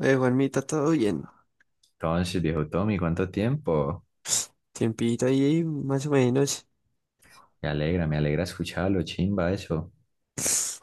Juanmita, todo bien. Entonces, viejo Tommy, ¿cuánto tiempo? Tiempito ahí, más o menos. Me alegra escucharlo, chimba eso.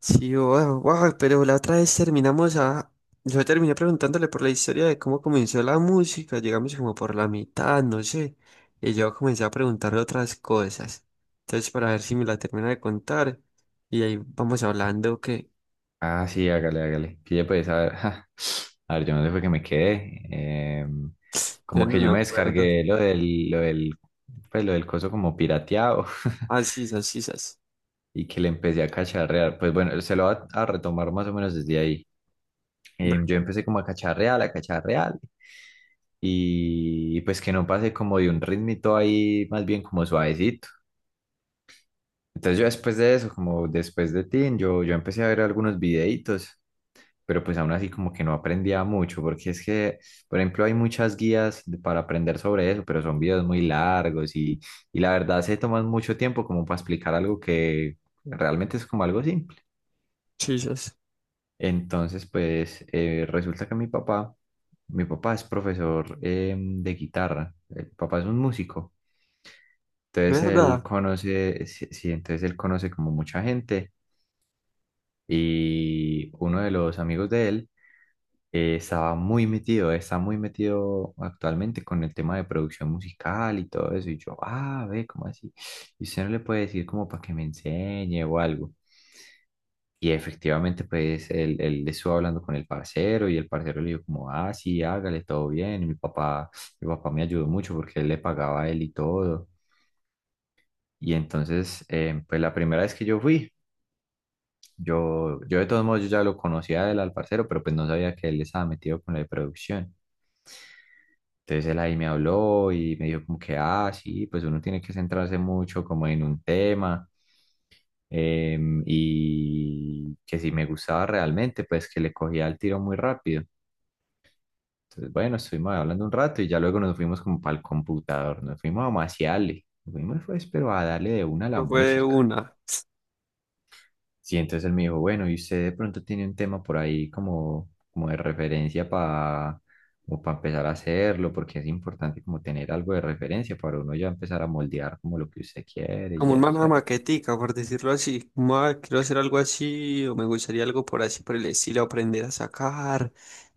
Sí, wow, wow, pero la otra vez terminamos a... Yo terminé preguntándole por la historia de cómo comenzó la música, llegamos como por la mitad, no sé. Y yo comencé a preguntarle otras cosas. Entonces, para ver si me la termina de contar. Y ahí vamos hablando, que Ah, sí, hágale, hágale. Pille pues, a ver, ja. A ver, yo no sé fue que me quedé. Em, yo Como no que me yo me acuerdo. descargué lo del, pues, lo del coso como pirateado, Ah, sí, sas, sí. y que le empecé a cacharrear. Pues bueno, se lo va a retomar más o menos desde ahí. Yo Breve. empecé como a cacharrear, a cacharrear. Y pues que no pase como de un ritmito ahí, más bien como suavecito. Entonces yo después de eso, como después de Teen, yo empecé a ver algunos videitos, pero pues aún así como que no aprendía mucho, porque es que, por ejemplo, hay muchas para aprender sobre eso, pero son videos muy largos y la verdad se toman mucho tiempo como para explicar algo que realmente es como algo simple. Sí. Entonces, pues resulta que mi papá es profesor de guitarra, el papá es un músico. Entonces él ¿Verdad? conoce, sí, sí, entonces él conoce como mucha gente. Y uno de los amigos de él estaba muy metido, está muy metido actualmente con el tema de producción musical y todo eso. Y yo, ah, ve, ¿cómo así? Y usted no le puede decir como para que me enseñe o algo. Y efectivamente, pues él estuvo hablando con el parcero y el parcero le dijo como, ah, sí, hágale, todo bien. Y mi papá me ayudó mucho porque él le pagaba a él y todo. Y entonces, pues la primera vez que yo fui, yo de todos modos yo ya lo conocía del al parcero, pero pues no sabía que él estaba metido con la de producción. Entonces él ahí me habló y me dijo como que, ah, sí, pues uno tiene que centrarse mucho como en un tema, y que si me gustaba realmente, pues que le cogía el tiro muy rápido. Entonces, bueno, estuvimos hablando un rato y ya luego nos fuimos como para el computador, nos fuimos a maciarle, nos fuimos pues, pero a darle de una a la Eso fue música. una. Sí, entonces él me dijo, bueno, y usted de pronto tiene un tema por ahí como, como de referencia para empezar a hacerlo, porque es importante como tener algo de referencia para uno ya empezar a moldear como lo que usted quiere y Como un eso, una ¿cierto? maquetica, por decirlo así. Como, "Ah, quiero hacer algo así, o me gustaría algo por así, por el estilo, aprender a sacar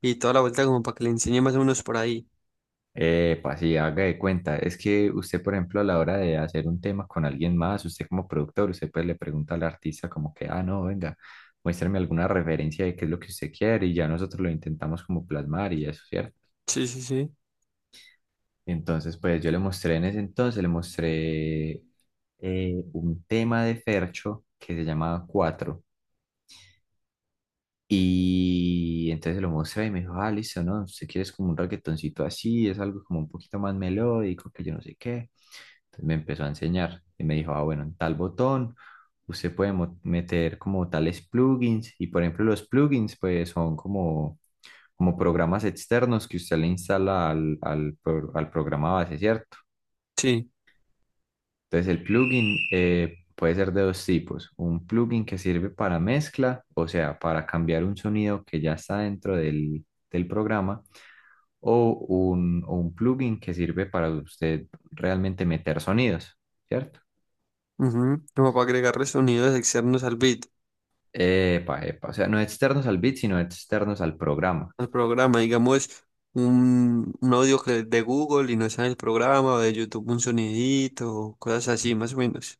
y toda la vuelta como para que le enseñe más o menos por ahí". Epa, sí, haga de cuenta. Es que usted, por ejemplo, a la hora de hacer un tema con alguien más, usted como productor, usted pues le pregunta al artista como que, ah, no, venga, muéstrame alguna referencia de qué es lo que usted quiere y ya nosotros lo intentamos como plasmar y eso, ¿cierto? Sí, sí, sí. Entonces, pues yo le mostré en ese entonces, le mostré un tema de Fercho que se llamaba Cuatro. Y entonces se lo mostré y me dijo, ah, listo, ¿no? Si quieres como un reggaetoncito así, es algo como un poquito más melódico, que yo no sé qué. Entonces me empezó a enseñar y me dijo, ah, bueno, en tal botón usted puede meter como tales plugins. Y por ejemplo, los plugins, pues son como, como programas externos que usted le instala al al programa base, ¿cierto? Sí. Entonces el plugin puede ser de dos tipos. Un plugin que sirve para mezcla, o sea, para cambiar un sonido que ya está dentro del, del programa, o un plugin que sirve para usted realmente meter sonidos, ¿cierto? Ujú. Como para agregarle sonidos externos al beat, Epa, epa, o sea, no externos al bit, sino externos al programa. al programa. Digamos, un audio que de Google y no está en el programa, o de YouTube un sonidito, o cosas así, más o menos.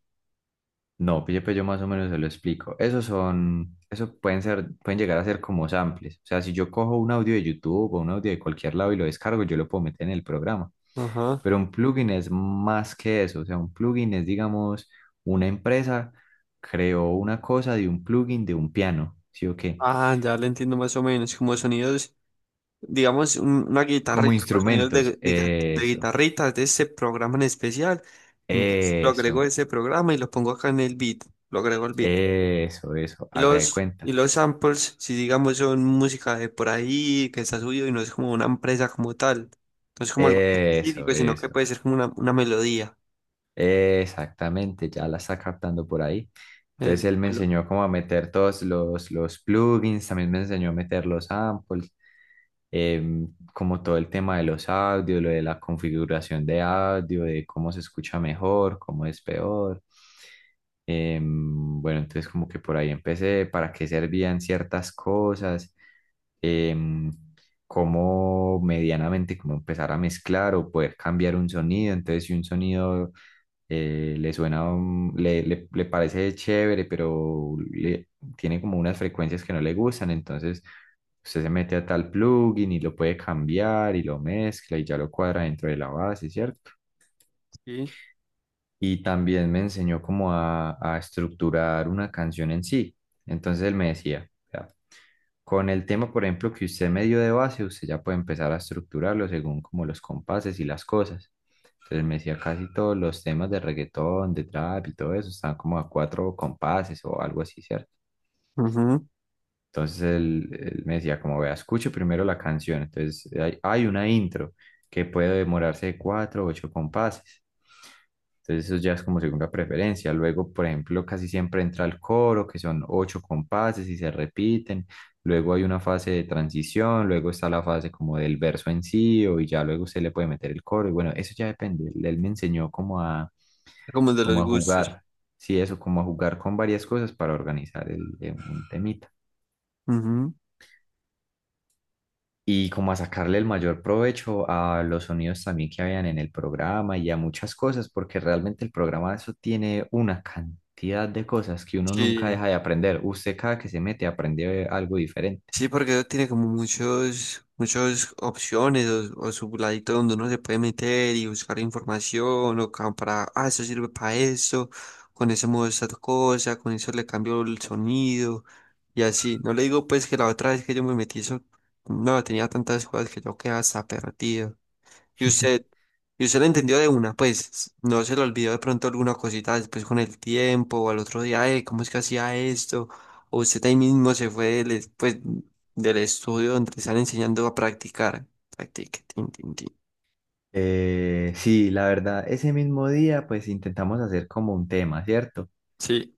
No, pille, pues yo más o menos se lo explico. Esos son, eso pueden ser, pueden llegar a ser como samples. O sea, si yo cojo un audio de YouTube o un audio de cualquier lado y lo descargo, yo lo puedo meter en el programa. Ajá. Pero un plugin es más que eso, o sea, un plugin es, digamos, una empresa creó una cosa de un plugin de un piano, ¿sí o qué? Ah, ya le entiendo más o menos, como sonidos digamos, una Como guitarrita, los sonidos de, instrumentos, de, gui- de guitarrita de ese programa en especial. Entonces lo agrego a eso, ese programa y lo pongo acá en el beat, lo agrego al beat. eso, Y haga de los, y cuenta, los samples, si digamos, son música de por ahí, que está subido y no es como una empresa como tal, no es como algo eso, específico, sino que eso, puede ser como una melodía. exactamente, ya la está captando por ahí. El, Entonces él me el- enseñó cómo a meter todos los plugins, también me enseñó a meter los samples, como todo el tema de los audios, lo de la configuración de audio, de cómo se escucha mejor, cómo es peor. Bueno, entonces como que por ahí empecé, para qué servían ciertas cosas, em, cómo medianamente, como empezar a mezclar o poder cambiar un sonido. Entonces, si un sonido le suena, le parece chévere, pero le, tiene como unas frecuencias que no le gustan, entonces usted se mete a tal plugin y lo puede cambiar y lo mezcla y ya lo cuadra dentro de la base, ¿cierto? sí. Y también me enseñó cómo a estructurar una canción en sí. Entonces él me decía, "Vea, con el tema, por ejemplo, que usted me dio de base, usted ya puede empezar a estructurarlo según como los compases y las cosas". Entonces me decía, casi todos los temas de reggaetón, de trap y todo eso, están como a cuatro compases o algo así, ¿cierto? Ujú. Entonces él me decía, como vea, escuche primero la canción. Entonces hay una intro que puede demorarse de cuatro o ocho compases. Entonces eso ya es como segunda preferencia. Luego, por ejemplo, casi siempre entra el coro, que son ocho compases y se repiten. Luego hay una fase de transición, luego está la fase como del verso en sí, o y ya luego usted le puede meter el coro. Y bueno, eso ya depende. Él me enseñó como a, Como de como los a gustos. jugar, sí, eso, como a jugar con varias cosas para organizar el, un temita. Ujú. Y como a sacarle el mayor provecho a los sonidos también que habían en el programa y a muchas cosas, porque realmente el programa eso tiene una cantidad de cosas que uno nunca Sí. deja de aprender. Usted cada que se mete aprende algo diferente. Sí, porque tiene como muchas opciones o su ladito donde uno se puede meter y buscar información o como para, ah, eso sirve para eso, con ese modo esta cosa, con eso le cambio el sonido y así. No le digo pues que la otra vez que yo me metí eso, no, tenía tantas cosas que yo quedaba hasta perdido. Y usted, y usted lo entendió de una, pues no se le olvidó de pronto alguna cosita después con el tiempo o al otro día, ¿cómo es que hacía esto? O usted ahí mismo se fue del estudio donde le están enseñando a practicar. Practique, tin, tin, tin. Sí, la verdad, ese mismo día pues intentamos hacer como un tema, ¿cierto? Sí.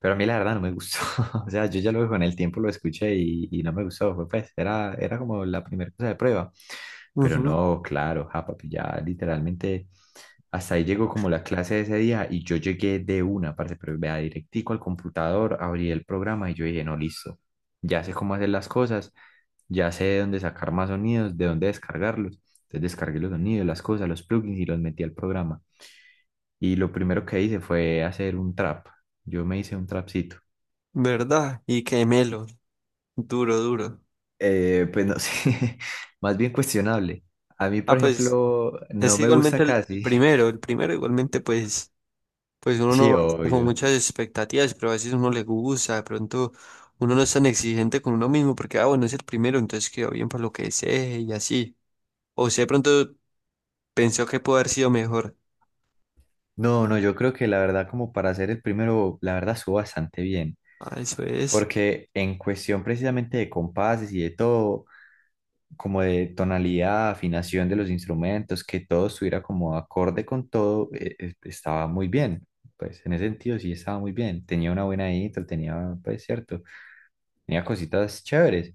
Pero a mí la verdad no me gustó. O sea, yo ya luego con el tiempo lo escuché y no me gustó. Fue, pues era, era como la primera cosa de prueba. Pero Ujú. no, claro, ja, papi, ya literalmente hasta ahí llegó como la clase de ese día y yo llegué de una parte, pero vea, directico al computador, abrí el programa y yo dije, no, listo, ya sé cómo hacer las cosas, ya sé de dónde sacar más sonidos, de dónde descargarlos. Entonces descargué los sonidos, las cosas, los plugins y los metí al programa. Y lo primero que hice fue hacer un trap. Yo me hice un trapcito. ¿Verdad? Y qué melo, duro, duro. Pues no sé, más bien cuestionable. A mí, Ah, por pues ejemplo, no es me gusta igualmente el casi. primero, el primero igualmente pues, pues uno Sí, no tiene como obvio. muchas expectativas, pero a veces uno le gusta, de pronto uno no es tan exigente con uno mismo porque, ah, bueno, es el primero, entonces quedó bien para lo que desee y así. O sea, de pronto pensó que pudo haber sido mejor. No, no, yo creo que la verdad como para ser el primero, la verdad estuvo bastante bien, Ah, eso es. porque en cuestión precisamente de compases y de todo, como de tonalidad, afinación de los instrumentos, que todo estuviera como acorde con todo, estaba muy bien. Pues en ese sentido sí estaba muy bien. Tenía una buena intro, tenía, pues cierto, tenía cositas chéveres.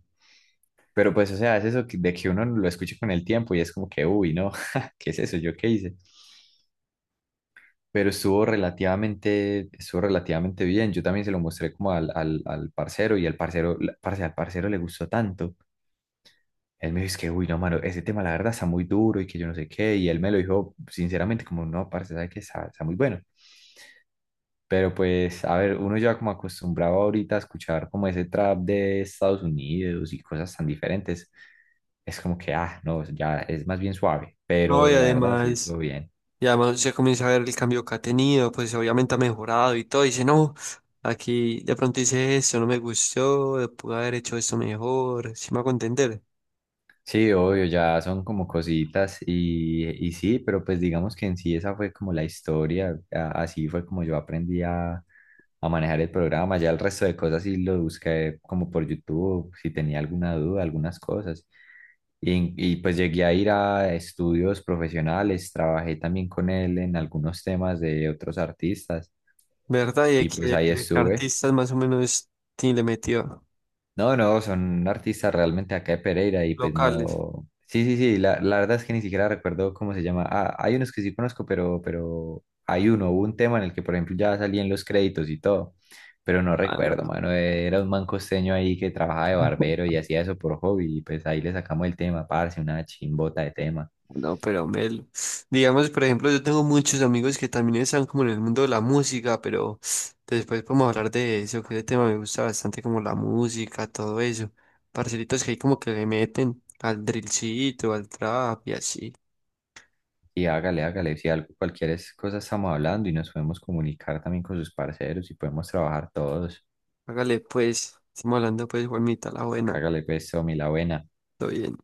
Pero pues, o sea, es eso de que uno lo escuche con el tiempo y es como que, uy, no, ¿qué es eso? ¿Yo qué hice? Pero estuvo relativamente bien. Yo también se lo mostré como al, al, al parcero y al parcero, parce, al parcero le gustó tanto. Él me dijo, es que, uy, no, mano, ese tema la verdad está muy duro y que yo no sé qué. Y él me lo dijo sinceramente como, no, parce, sabe que está, está muy bueno. Pero pues, a ver, uno ya como acostumbrado ahorita a escuchar como ese trap de Estados Unidos y cosas tan diferentes, es como que, ah, no, ya es más bien suave. No, y Pero la verdad, sí, además, estuvo bien. y además se comienza a ver el cambio que ha tenido, pues obviamente ha mejorado y todo, y dice, no, aquí de pronto hice esto, no me gustó, pude haber hecho esto mejor, si me hago entender, Sí, obvio, ya son como cositas y sí, pero pues digamos que en sí esa fue como la historia, así fue como yo aprendí a manejar el programa, ya el resto de cosas sí lo busqué como por YouTube, si tenía alguna duda, algunas cosas. Y pues llegué a ir a estudios profesionales, trabajé también con él en algunos temas de otros artistas ¿verdad? Y y pues ahí de que estuve. artistas más o menos sí le metió, No, no, son artistas realmente acá de Pereira y pues locales. no. Sí, sí, sí, la verdad es que ni siquiera recuerdo cómo se llama. Ah, hay unos que sí conozco, pero hay uno, hubo un tema en el que, por ejemplo, ya salían los créditos y todo, pero no recuerdo, mano. Era un man costeño ahí que trabajaba de barbero y hacía eso por hobby y pues ahí le sacamos el tema, parce, una chimbota de tema. No, pero Mel, digamos, por ejemplo, yo tengo muchos amigos que también están como en el mundo de la música, pero después podemos hablar de eso, que ese tema me gusta bastante, como la música, todo eso. Parcelitos que hay como que le meten al drillcito, al trap y así. Y hágale, hágale, si algo, cualquier cosa estamos hablando y nos podemos comunicar también con sus parceros y podemos trabajar todos. Hágale pues, estamos hablando pues, Juanita, la buena, Hágale pues, Tommy, la buena. todo bien.